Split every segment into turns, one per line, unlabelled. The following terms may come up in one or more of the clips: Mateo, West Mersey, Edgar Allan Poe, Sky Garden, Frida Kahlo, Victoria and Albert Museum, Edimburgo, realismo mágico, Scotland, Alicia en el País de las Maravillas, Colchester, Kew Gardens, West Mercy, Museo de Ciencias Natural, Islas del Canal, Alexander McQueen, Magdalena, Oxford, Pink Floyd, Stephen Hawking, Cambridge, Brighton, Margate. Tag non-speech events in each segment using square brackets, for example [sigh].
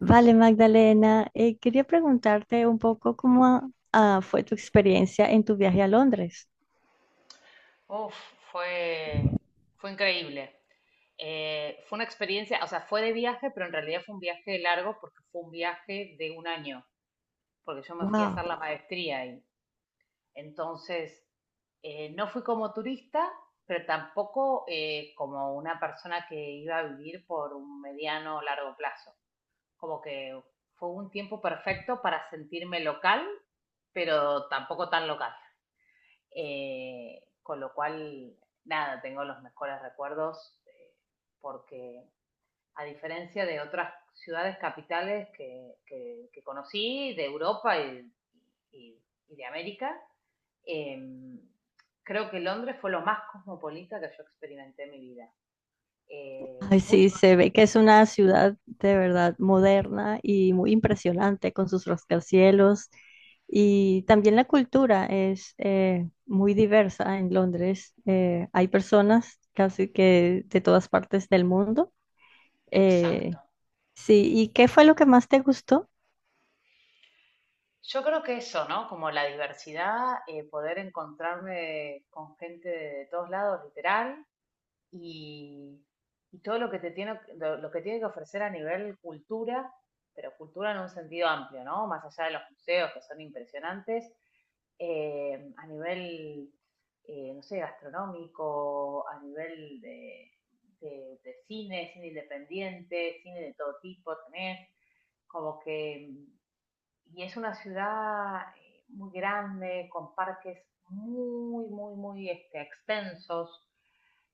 Vale, Magdalena, quería preguntarte un poco cómo fue tu experiencia en tu viaje a Londres.
Uf, fue, fue increíble. Fue una experiencia, o sea, fue de viaje, pero en realidad fue un viaje largo porque fue un viaje de un año, porque yo me fui a hacer
Wow.
la maestría ahí. Entonces, no fui como turista, pero tampoco como una persona que iba a vivir por un mediano o largo plazo. Como que fue un tiempo perfecto para sentirme local, pero tampoco tan local. Con lo cual, nada, tengo los mejores recuerdos porque a diferencia de otras ciudades capitales que conocí, de Europa y, y de América, eh, creo que Londres fue lo más cosmopolita que yo experimenté en mi vida.
Ay, sí,
Mucho más.
se ve que es una ciudad de verdad moderna y muy impresionante con sus rascacielos y también la cultura es muy diversa en Londres. Hay personas casi que de todas partes del mundo.
Exacto.
Eh, sí, ¿y qué fue lo que más te gustó?
Yo creo que eso, ¿no? Como la diversidad, poder encontrarme con gente de todos lados, literal, y, y todo lo que te tiene, lo que tiene que ofrecer a nivel cultura, pero cultura en un sentido amplio, ¿no? Más allá de los museos que son impresionantes, eh, a nivel, no sé, gastronómico, a nivel de cine, cine independiente, cine de todo tipo tenés, como que, y es una ciudad muy grande, con parques muy extensos,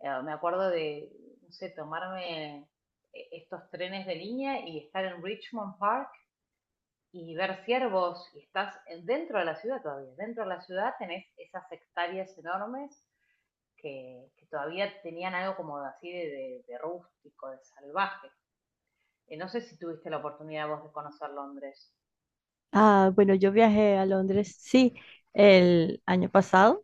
eh, me acuerdo de, no sé, tomarme estos trenes de línea y estar en Richmond Park y ver ciervos y estás dentro de la ciudad todavía. Dentro de la ciudad tenés esas hectáreas enormes que todavía tenían algo como así de rústico, de salvaje. No sé si tuviste la oportunidad vos de conocer Londres.
Ah, bueno, yo viajé a Londres, sí, el año pasado.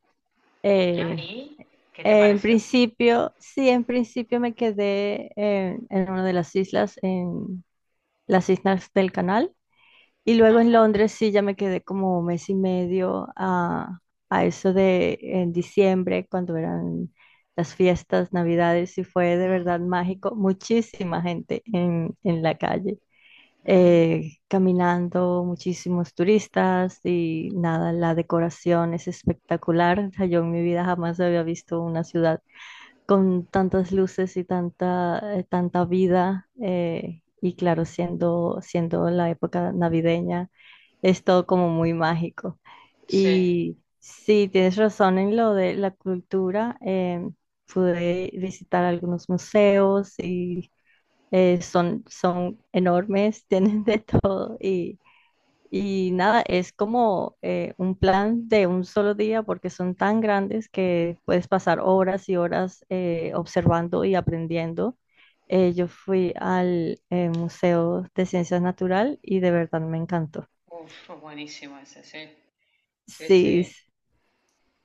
Ah,
Eh,
¿y qué te
en
pareció?
principio, sí, en principio me quedé en una de las islas, en las Islas del Canal. Y luego
Ah,
en
sa-
Londres, sí, ya me quedé como un mes y medio a eso de en diciembre, cuando eran las fiestas, Navidades, y fue de
Mm,
verdad mágico. Muchísima gente en la calle
mm,
caminando muchísimos turistas y nada, la decoración es espectacular. O sea, yo en mi vida jamás había visto una ciudad con tantas luces y tanta, tanta vida. Y claro, siendo la época navideña, es todo como muy mágico.
sí.
Y sí, tienes razón en lo de la cultura. Pude visitar algunos museos y son, son enormes, [laughs] tienen de todo y nada, es como un plan de un solo día porque son tan grandes que puedes pasar horas y horas observando y aprendiendo. Yo fui al Museo de Ciencias Natural y de verdad me encantó.
Uf, buenísimo ese, sí, sí,
Sí,
sí.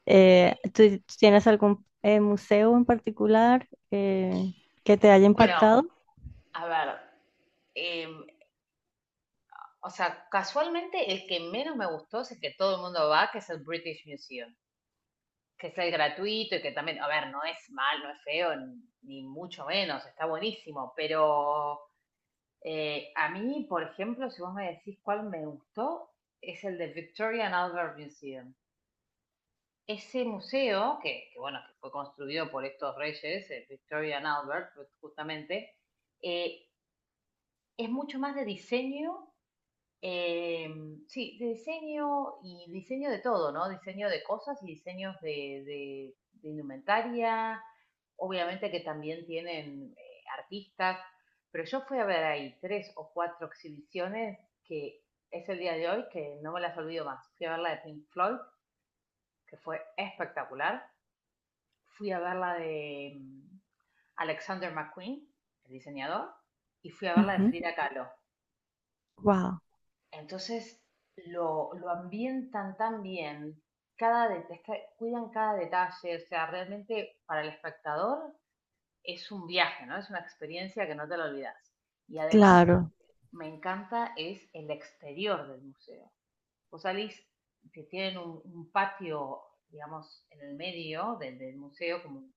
Eh,
¿Tú tienes algún museo en particular que te haya
Bueno,
impactado?
a ver. Em, o sea, casualmente el que menos me gustó si es el que todo el mundo va, que es el British Museum, que es el gratuito y que también, a ver, no es mal, no es feo, ni mucho menos, está buenísimo, pero a mí, por ejemplo, si vos me decís cuál me gustó, es el de Victoria and Albert Museum. Ese museo, bueno, que fue construido por estos reyes, Victoria and Albert, pues, justamente, eh, es mucho más de diseño. Eh, sí, de diseño y diseño de todo, ¿no? Diseño de cosas y diseños de- de indumentaria. Obviamente que también tienen artistas, pero yo fui a ver ahí tres o cuatro exhibiciones que es el día de hoy que no me las olvido más. Fui a ver la de Pink Floyd, que fue espectacular. Fui a ver la de Alexander McQueen, el diseñador, y fui a ver la de Frida Kahlo.
Wow,
Entonces lo ambientan tan bien, es que cuidan cada detalle, o sea, realmente para el espectador es un viaje, ¿no? Es una experiencia que no te la olvidas. Y además
claro.
me encanta es el exterior del museo. Vos salís, que tienen un patio, digamos, en el medio del museo, como un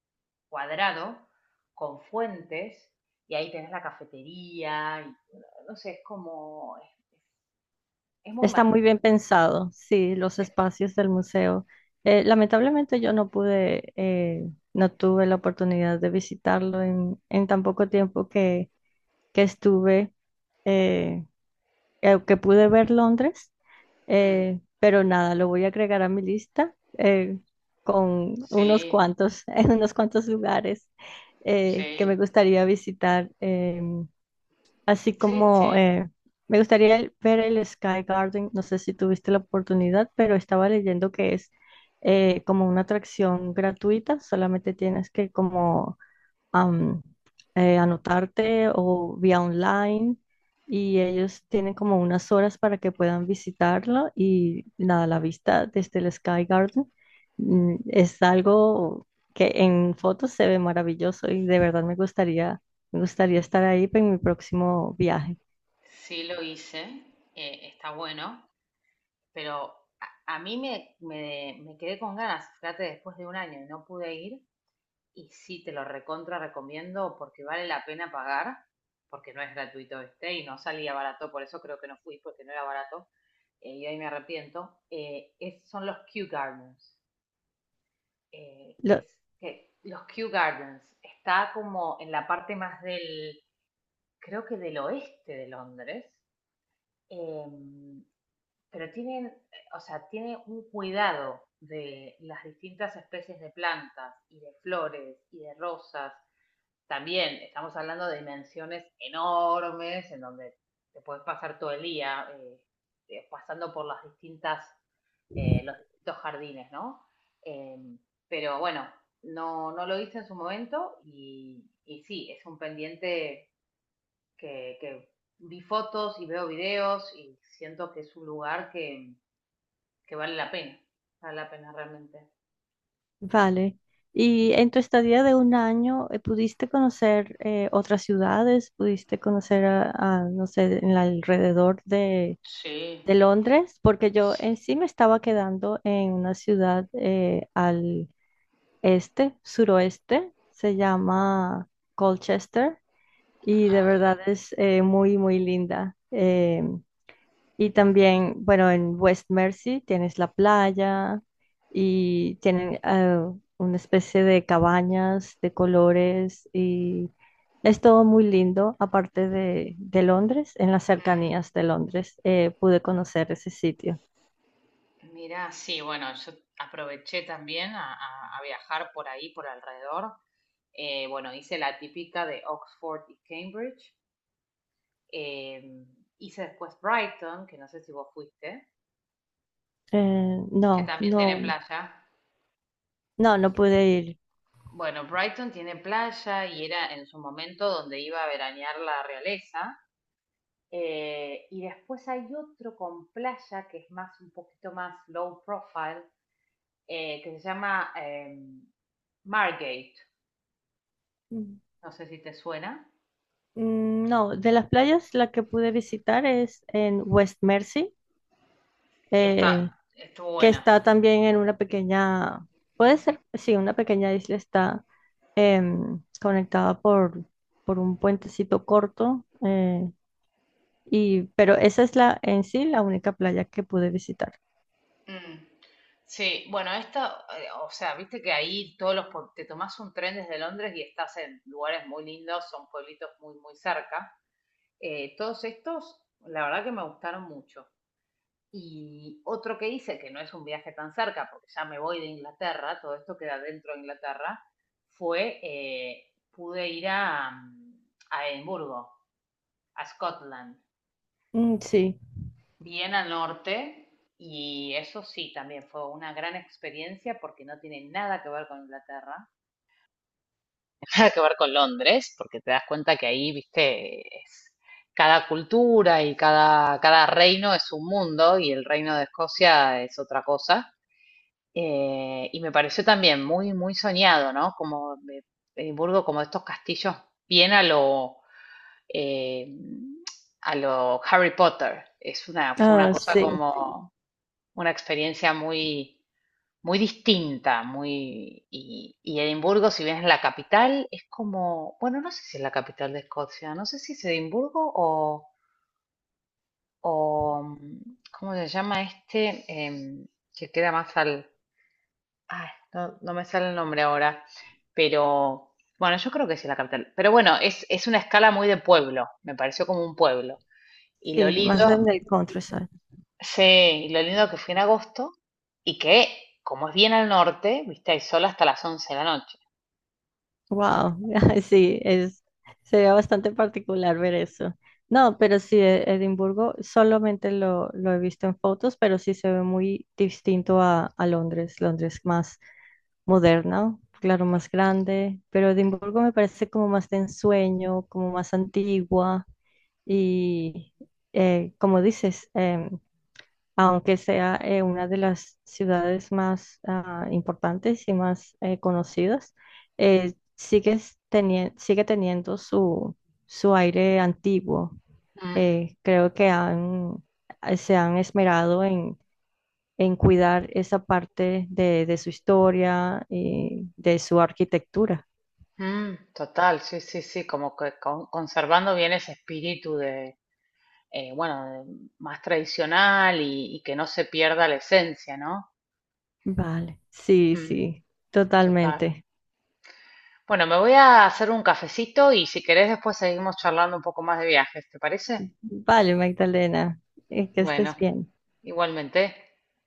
cuadrado, con fuentes, y ahí tenés la cafetería, y, bueno, no sé, es como, es- es muy
Está muy
mágico.
bien pensado, sí, los espacios del museo. Lamentablemente yo no pude, no tuve la oportunidad de visitarlo en tan poco tiempo que estuve, eh, que pude ver Londres,
Mm,
pero nada, lo voy a agregar a mi lista con unos
sí,
cuantos, [laughs] unos cuantos lugares que me
sí,
gustaría visitar. Así
sí,
como
sí,
me gustaría el- ver el Sky Garden, no sé si tuviste la oportunidad, pero estaba leyendo que es como una atracción gratuita, solamente tienes que como am, anotarte o vía online y ellos tienen como unas horas para que puedan visitarlo y nada, la vista desde el Sky Garden es algo que en fotos se ve maravilloso y de verdad me gustaría estar ahí en mi próximo viaje.
sí lo hice, está bueno, pero a mí me, me, me quedé con ganas, fíjate, después de un año y no pude ir, y sí te lo recontra recomiendo porque vale la pena pagar, porque no es gratuito este y no salía barato, por eso creo que no fui, porque no era barato, y ahí me arrepiento, son los Kew Gardens,
Lo-
es que los Kew Gardens, está como en la parte más del creo que del oeste de Londres, eh, pero tienen, o sea, tiene un cuidado de las distintas especies de plantas y de flores y de rosas. También estamos hablando de dimensiones enormes en donde te puedes pasar todo el día pasando por las distintas, los distintos jardines, ¿no? Em, pero bueno, no lo hice en su momento y sí, es un pendiente que vi fotos y veo videos y siento que es un lugar que vale la pena realmente.
vale. Y en tu estadía de un año, ¿pudiste conocer otras ciudades? ¿Pudiste conocer a, no sé, en el alrededor
Sí,
de Londres, porque yo en
sí.
sí me estaba quedando en una ciudad al este, suroeste, se llama Colchester y de
Ah,
verdad es muy, muy linda. Y también, bueno, en West Mersey tienes la playa y tienen una especie de cabañas de colores y es todo muy lindo, aparte de Londres, en las
mm,
cercanías de Londres, pude conocer ese sitio.
mira, sí, bueno, yo aproveché también a viajar por ahí, por alrededor. Bueno, hice la típica de Oxford y Cambridge. Em, hice después Brighton, que no sé si vos fuiste, que
No,
también tiene
no,
playa.
no, no pude ir.
Bueno, Brighton tiene playa y era en su momento donde iba a veranear la realeza. Y después hay otro con playa que es más un poquito más low profile, que se llama Margate.
Mm,
No sé si te suena.
mm, no, de las playas la que pude visitar es en West Mercy,
Y está,
eh,
Estuvo
que
buena.
está también en una pequeña, puede ser, sí, una pequeña isla está conectada por un puentecito corto, y, pero esa es la en sí la única playa que pude visitar.
Mm. Sí, bueno, esta, o sea, viste que ahí todos los, te tomás un tren desde Londres y estás en lugares muy lindos, son pueblitos muy cerca. Todos estos, la verdad que me gustaron mucho. Y otro que hice, que no es un viaje tan cerca, porque ya me voy de Inglaterra, todo esto queda dentro de Inglaterra, fue, pude ir a, mm, a Edimburgo, a Scotland,
Mm, sí,
bien al norte, y eso sí, también fue una gran experiencia porque no tiene nada que ver con Inglaterra, [laughs] nada que ver con Londres, porque te das cuenta que ahí, viste, cada cultura y cada reino es un mundo y el reino de Escocia es otra cosa. Y me pareció también muy soñado, ¿no? Edimburgo, como estos castillos bien eh, a lo Harry Potter. Fue una
ah,
cosa. Sí,
sí,
como una experiencia muy distinta, muy, y Edimburgo, si bien es la capital, es como, bueno, no sé si es la capital de Escocia, no sé si es Edimburgo o, mm, ¿cómo se llama este? Em, que queda más al, ay, no, no me sale el nombre ahora, pero bueno, yo creo que sí es la capital. Pero bueno, es una escala muy de pueblo, me pareció como un pueblo. Y lo
sí, más
lindo,
en el countryside.
sí, y lo lindo que fui en agosto y que, como es bien al norte, viste, hay sol hasta las 11 de la noche.
Wow, [laughs] sí, es, sería bastante particular ver eso. No, pero sí, E- Edimburgo solamente lo he visto en fotos, pero sí se ve muy distinto a Londres. Londres más moderna, claro, más grande, pero Edimburgo me parece como más de ensueño, como más antigua y, como dices, aunque sea una de las ciudades más importantes y más conocidas, eh, sigue, sigue teniendo su, su aire antiguo.
Mm,
Creo que han, se han esmerado en cuidar esa parte de su historia y de su arquitectura.
mm, total, sí, sí, sí, conservando bien ese espíritu de, eh, bueno, de- más tradicional y que no se pierda la esencia, ¿no?
Vale, sí,
Mm,
sí,
total.
totalmente.
Bueno, me voy a hacer un cafecito y si querés después seguimos charlando un poco más de viajes, ¿te parece?
Vale, Magdalena, que estés
Bueno,
bien.
igualmente.